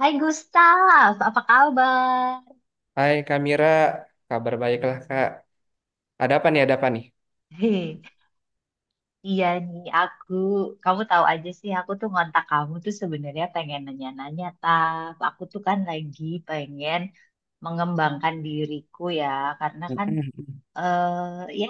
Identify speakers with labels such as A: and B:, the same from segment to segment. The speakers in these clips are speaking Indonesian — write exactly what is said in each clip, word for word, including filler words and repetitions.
A: Hai Gustaf, apa kabar?
B: Hai Kak Mira, kabar baiklah Kak. Ada apa nih, ada apa nih?
A: Hei, iya nih aku, kamu tahu aja sih aku tuh ngontak kamu tuh sebenarnya pengen nanya-nanya Taf. Aku tuh kan lagi pengen mengembangkan diriku ya, karena kan eh ya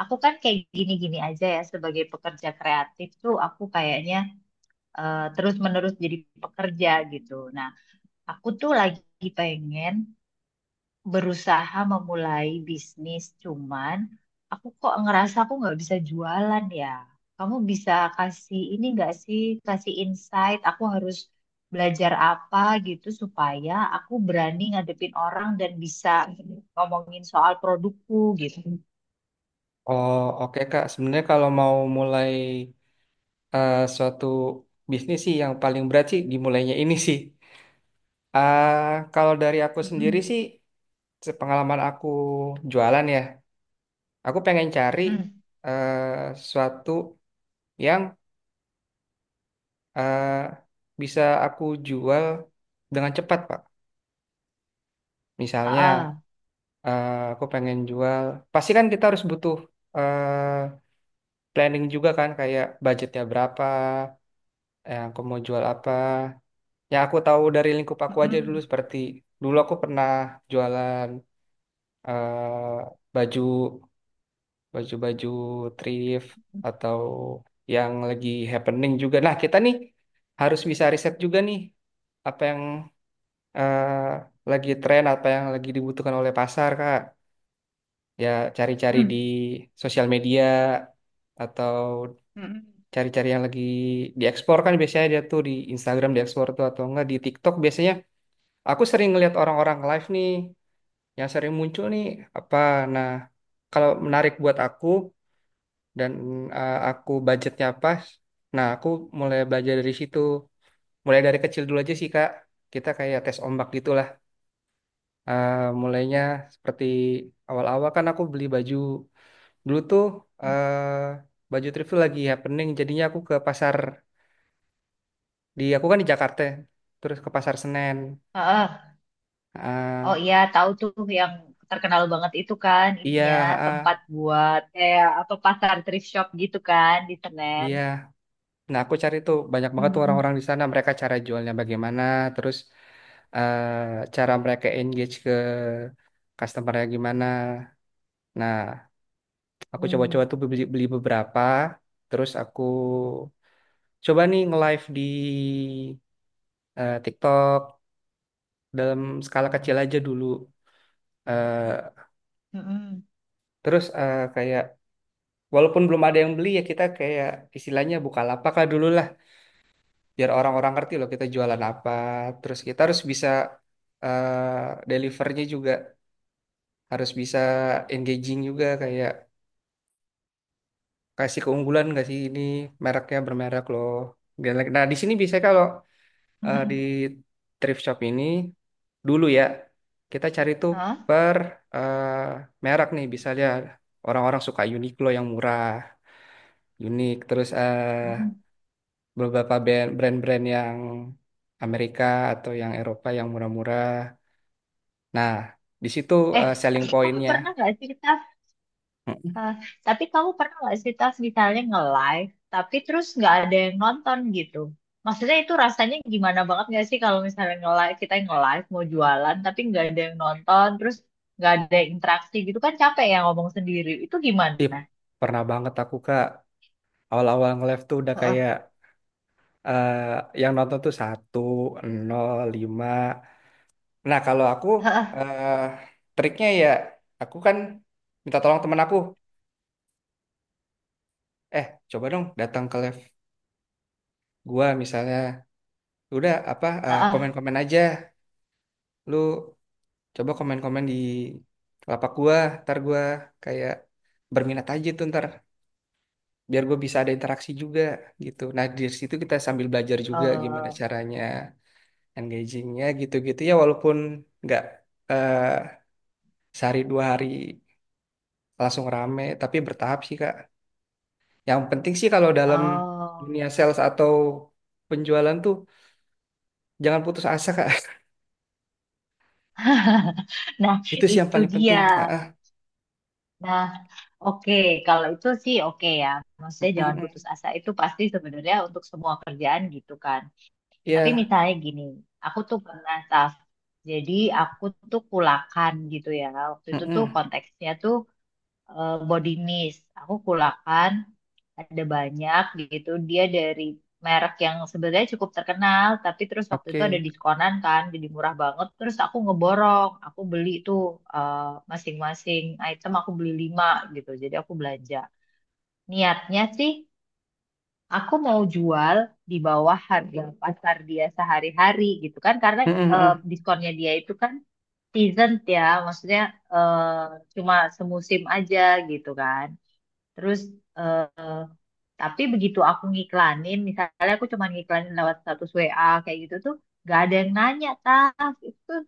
A: aku kan kayak gini-gini aja ya sebagai pekerja kreatif tuh aku kayaknya eh, terus-menerus jadi pekerja gitu. Nah, aku tuh lagi pengen berusaha memulai bisnis, cuman aku kok ngerasa aku nggak bisa jualan ya. Kamu bisa kasih ini nggak sih, kasih insight, aku harus belajar apa gitu supaya aku berani ngadepin orang dan bisa ngomongin soal produkku gitu.
B: Oh oke Kak, sebenarnya kalau mau mulai eh, suatu bisnis sih yang paling berat sih dimulainya ini sih. Ah, Kalau dari aku sendiri
A: Mm-mm.
B: sih, sepengalaman aku jualan ya, aku pengen cari
A: Mm-mm.
B: eh, suatu yang eh, bisa aku jual dengan cepat Pak. Misalnya
A: Ah, ah.
B: eh, aku pengen jual, pasti kan kita harus butuh eh, planning juga kan kayak budgetnya berapa, eh, aku mau jual apa. Yang aku tahu dari lingkup aku aja dulu
A: Mm-mm.
B: seperti dulu aku pernah jualan eh, baju baju-baju thrift atau yang lagi happening juga. Nah, kita nih harus bisa riset juga nih apa yang eh, lagi tren, apa yang lagi dibutuhkan oleh pasar, Kak. Ya cari-cari di
A: Mm.
B: sosial media atau
A: Mm-mm.
B: cari-cari yang lagi diekspor kan biasanya dia tuh di Instagram diekspor tuh atau enggak di TikTok biasanya aku sering ngeliat orang-orang live nih yang sering muncul nih apa nah kalau menarik buat aku dan eh, aku budgetnya pas nah aku mulai belajar dari situ mulai dari kecil dulu aja sih Kak, kita kayak tes ombak gitulah. Eh, mulainya seperti awal-awal kan aku beli baju dulu tuh, eh, baju trivial lagi happening jadinya aku ke pasar, di aku kan di Jakarta terus ke Pasar Senen,
A: Ah, ah. Oh
B: ah
A: iya, tahu tuh yang terkenal banget itu kan
B: iya,
A: ininya
B: ah,
A: tempat buat kayak apa pasar thrift shop gitu kan di Senen.
B: iya nah aku cari tuh banyak banget tuh
A: Mm-mm.
B: orang-orang di sana mereka cara jualnya bagaimana terus eh cara mereka engage ke customernya gimana nah aku coba-coba
A: Mm.
B: tuh beli, beli beberapa terus aku coba nih nge-live di eh, TikTok dalam skala kecil aja dulu. Eh,
A: Mm-mm.
B: Terus eh, kayak walaupun belum ada yang beli ya kita kayak istilahnya lapak lah dulu lah biar orang-orang ngerti loh kita jualan apa. Terus kita harus bisa eh delivernya juga harus bisa engaging juga kayak kasih keunggulan nggak sih ini mereknya bermerek loh. Nah di sini bisa kalau eh, di
A: Mm-mm.
B: thrift shop ini dulu ya kita cari tuh
A: Hah?
B: per eh, merek nih misalnya orang-orang suka Uniqlo yang murah, unik terus eh
A: Mm-mm.
B: beberapa band- brand-brand yang Amerika atau yang Eropa yang murah-murah. Nah, di situ
A: Eh,
B: eh, selling
A: tapi kamu
B: pointnya.
A: pernah nggak sih Tas?
B: Mm-mm.
A: Eh, tapi kamu pernah nggak sih Tas misalnya nge-live, tapi terus nggak ada yang nonton gitu? Maksudnya itu rasanya gimana banget nggak sih kalau misalnya nge-live, kita yang nge-live mau jualan tapi nggak ada yang nonton, terus nggak ada interaksi gitu kan capek ya ngomong sendiri. Itu
B: Ih,
A: gimana?
B: pernah banget aku Kak, awal-awal nge-live tuh udah
A: Heeh,
B: kayak eh, yang nonton tuh satu, nol, lima. Nah, kalau aku
A: heeh,
B: eh, triknya ya, aku kan minta tolong temen aku. Eh, coba dong datang ke live gua misalnya. Udah apa eh,
A: heeh.
B: komen-komen aja. Lu coba komen-komen di lapak gua, ntar gua kayak berminat aja tuh ntar biar gue bisa ada interaksi juga gitu. Nah di situ kita sambil belajar juga gimana
A: Eh,
B: caranya engagingnya gitu-gitu ya walaupun nggak eh, sehari dua hari langsung rame tapi bertahap sih Kak. Yang penting sih kalau dalam
A: oh.
B: dunia sales atau penjualan tuh jangan putus asa Kak.
A: Nah,
B: Itu sih yang
A: itu
B: paling penting. Ah,
A: dia.
B: ah.
A: Nah, oke, kalau itu sih oke ya.
B: Mm,
A: Maksudnya
B: mm,
A: jangan putus
B: mm.
A: asa itu pasti sebenarnya untuk semua kerjaan gitu kan. Tapi
B: Iya.
A: misalnya gini, aku tuh pernah staff. Jadi aku tuh kulakan gitu ya. Waktu
B: Mm,
A: itu tuh
B: mm.
A: konteksnya tuh eh, body mist. Aku kulakan ada banyak gitu. Dia dari merek yang sebenarnya cukup terkenal, tapi terus waktu itu ada
B: Oke.
A: diskonan kan, jadi murah banget. Terus aku ngeborong, aku beli tuh eh, masing-masing item aku beli lima gitu. Jadi aku belanja. Niatnya sih aku mau jual di bawah harga pasar dia sehari-hari gitu kan, karena
B: Mm,
A: eh,
B: mm,
A: diskonnya dia itu kan season ya, maksudnya eh, cuma semusim aja gitu kan. Terus eh, tapi begitu aku ngiklanin, misalnya aku cuma ngiklanin lewat status W A kayak gitu tuh, gak ada yang nanya, tas itu tuh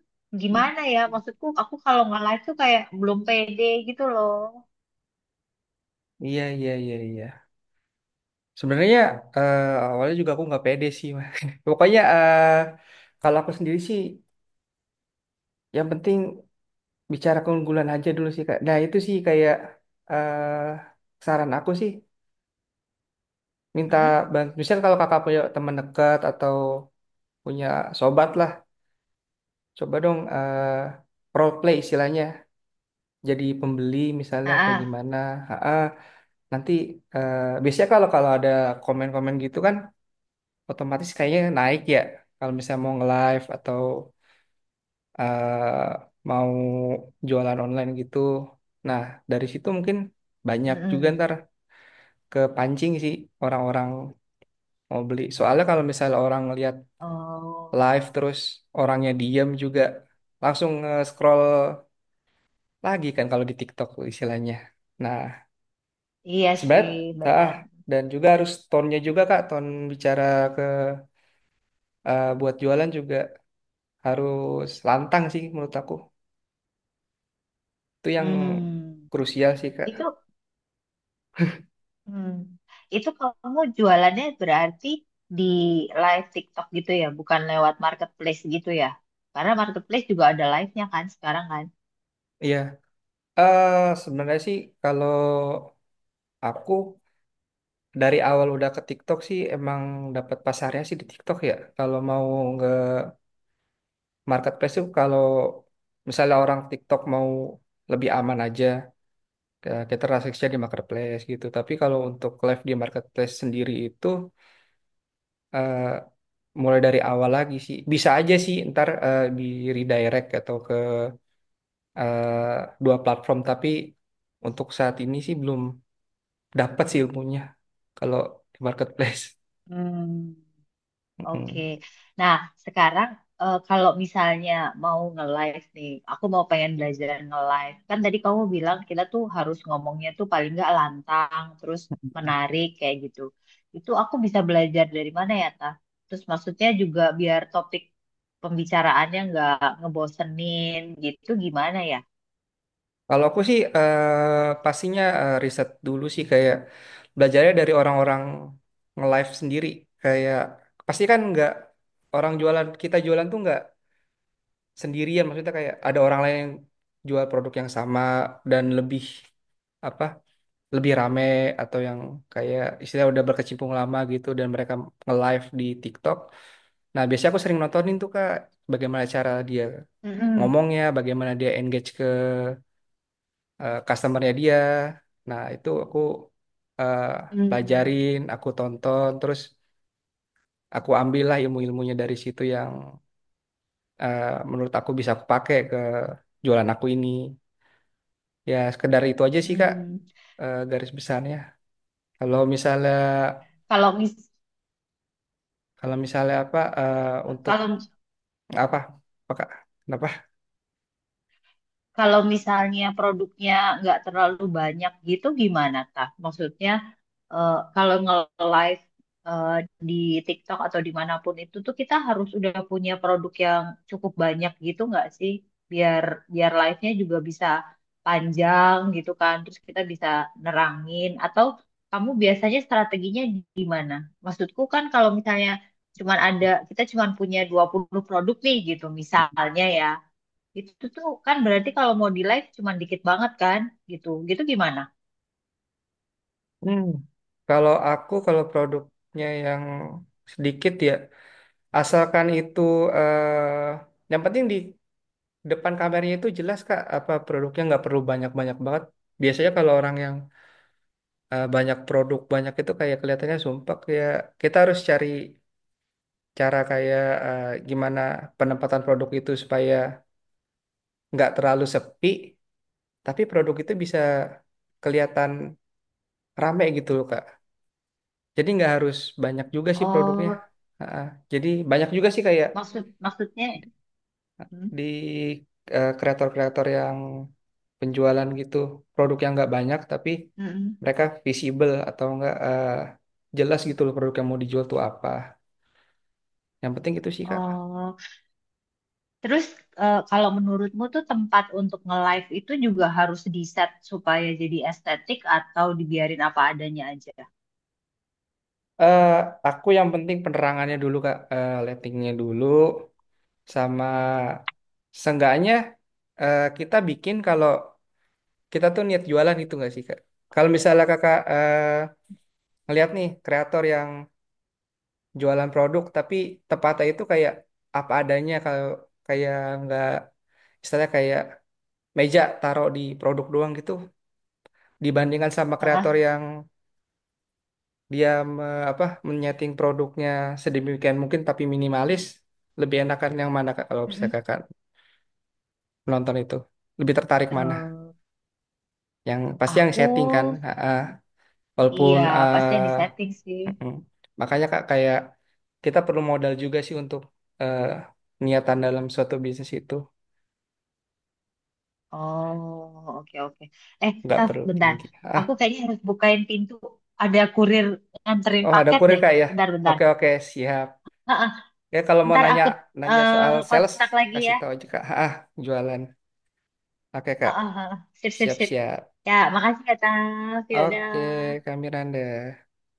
B: mm.
A: gimana ya? Maksudku aku kalau nggak live tuh kayak belum pede gitu loh.
B: Iya, iya, iya, iya. Sebenarnya eh, awalnya juga aku nggak pede sih, Mas. Pokoknya eh, kalau aku sendiri sih, yang penting bicara keunggulan aja dulu sih, Kak. Nah, itu sih kayak eh, saran aku sih, minta
A: Mhm.
B: bantu. Misal kalau kakak punya teman dekat atau punya sobat lah, coba dong eh, role play istilahnya. Jadi pembeli
A: Ah,
B: misalnya atau
A: ah,
B: gimana. Ha-ha. Nanti eh, biasanya kalau kalau ada komen-komen gitu kan, otomatis kayaknya naik ya kalau misalnya mau nge-live atau eh, mau jualan online gitu. Nah, dari situ mungkin banyak juga
A: mm-mm.
B: ntar kepancing sih orang-orang mau beli. Soalnya kalau misalnya orang lihat
A: Oh,
B: live terus orangnya diam juga langsung nge-scroll lagi kan kalau di TikTok istilahnya. Nah,
A: iya
B: sebat,
A: sih,
B: ah,
A: benar.
B: dan juga harus tone-nya juga Kak, tone bicara ke eh, buat jualan juga harus lantang sih menurut aku. Itu yang
A: Hmm,
B: krusial sih, Kak.
A: itu, hmm, itu kamu jualannya berarti di live TikTok gitu ya, bukan lewat marketplace gitu ya? Karena marketplace juga ada live-nya kan sekarang kan?
B: Iya. Eh sebenarnya sih kalau aku dari awal udah ke TikTok sih emang dapat pasarnya sih di TikTok ya. Kalau mau nge marketplace tuh kalau misalnya orang TikTok mau lebih aman aja eh, kita transaksinya di marketplace gitu. Tapi kalau untuk live di marketplace sendiri itu eh mulai dari awal lagi sih. Bisa aja sih ntar eh, di redirect atau ke eh, dua platform tapi untuk saat ini sih belum dapat sih ilmunya kalau di marketplace.
A: Hmm, oke.
B: Mm.
A: Nah, sekarang eh, kalau misalnya mau nge-live nih, aku mau pengen belajar nge-live. Kan tadi kamu bilang kita tuh harus ngomongnya tuh paling nggak lantang, terus menarik kayak gitu. Itu aku bisa belajar dari mana ya, Ta? Terus maksudnya juga biar topik pembicaraannya nggak ngebosenin gitu gimana ya?
B: Kalau aku sih eh, pastinya eh, riset dulu sih kayak belajarnya dari orang-orang nge-live sendiri. Kayak pasti kan nggak orang jualan kita jualan tuh nggak sendirian. Maksudnya kayak ada orang lain yang jual produk yang sama dan lebih apa lebih rame atau yang kayak istilah udah berkecimpung lama gitu dan mereka nge-live di TikTok. Nah biasanya aku sering nontonin tuh kak bagaimana cara dia
A: Mm-mm.
B: ngomongnya, bagaimana dia engage ke eh, customernya dia. Nah, itu aku eh,
A: Hmm.
B: pelajarin, aku tonton, terus aku ambillah ilmu-ilmunya dari situ yang eh, menurut aku bisa aku pakai ke jualan aku ini. Ya, sekedar itu aja sih, Kak,
A: Hmm.
B: eh, garis besarnya. Kalau misalnya
A: Kalau mis
B: kalau misalnya apa eh, untuk
A: kalau
B: apa? Apa, Kak? Kenapa?
A: Kalau misalnya produknya nggak terlalu banyak gitu gimana tah? Maksudnya eh, kalau nge-live eh, di TikTok atau dimanapun itu tuh kita harus udah punya produk yang cukup banyak gitu nggak sih? Biar biar live-nya juga bisa panjang gitu kan. Terus kita bisa nerangin atau kamu biasanya strateginya gimana? Maksudku kan kalau misalnya cuman ada kita cuman punya dua puluh produk nih gitu misalnya ya. Itu tuh kan berarti kalau mau di live cuman dikit banget kan gitu. Gitu gimana?
B: Hmm. Kalau aku kalau produknya yang sedikit ya asalkan itu eh, yang penting di depan kameranya itu jelas Kak apa produknya nggak perlu banyak-banyak banget. Biasanya kalau orang yang eh, banyak produk banyak itu kayak kelihatannya sumpek ya kita harus cari cara kayak eh, gimana penempatan produk itu supaya nggak terlalu sepi tapi produk itu bisa kelihatan rame gitu loh Kak. Jadi nggak harus banyak juga sih produknya.
A: Oh,
B: Ha-ha. Jadi banyak juga sih kayak
A: Maksud maksudnya hmm?
B: di eh, kreator-kreator yang penjualan gitu produk yang nggak banyak tapi
A: Mm-mm.
B: mereka visible atau nggak eh, jelas gitu loh produk yang mau dijual tuh apa yang penting itu sih kak.
A: Oh, terus eh, kalau menurutmu tuh tempat untuk nge-live itu juga harus di-set supaya jadi estetik atau dibiarin apa adanya aja?
B: eh aku yang penting penerangannya dulu kak eh lightingnya dulu sama seenggaknya eh, kita bikin kalau kita tuh niat jualan itu nggak sih kak kalau misalnya kakak eh, ngeliat nih kreator yang jualan produk tapi tepatnya itu kayak apa adanya kalau kayak nggak misalnya kayak meja taruh di produk doang gitu dibandingkan sama
A: Ah,
B: kreator
A: ah,
B: yang dia me- apa menyeting produknya sedemikian mungkin tapi minimalis lebih enakan yang mana Kak, kalau bisa
A: mm-mm.
B: kakak menonton itu lebih tertarik mana
A: Eh,
B: yang pasti yang
A: aku
B: setting kan ah, ah. Walaupun
A: iya pasti yang di
B: ah,
A: setting sih.
B: mm-mm. Makanya kak kayak kita perlu modal juga sih untuk eh, niatan dalam suatu bisnis itu
A: Oh, oke oke. Eh,
B: nggak
A: Taf,
B: perlu
A: bentar.
B: tinggi. Ah,
A: Aku kayaknya harus bukain pintu. Ada kurir nganterin
B: oh ada
A: paket
B: kurir
A: deh.
B: kak ya.
A: Bentar, bentar.
B: Oke oke siap.
A: Heeh,
B: Ya kalau mau
A: Ntar
B: nanya
A: aku
B: nanya soal
A: eh,
B: sales
A: kontak lagi
B: kasih
A: ya.
B: tahu aja kak. Ah jualan. Oke kak.
A: Heeh, heeh. Sip, sip,
B: Siap
A: sip.
B: siap.
A: Ya, makasih ya, Taf.
B: Oke
A: Yaudah.
B: Kak Miranda.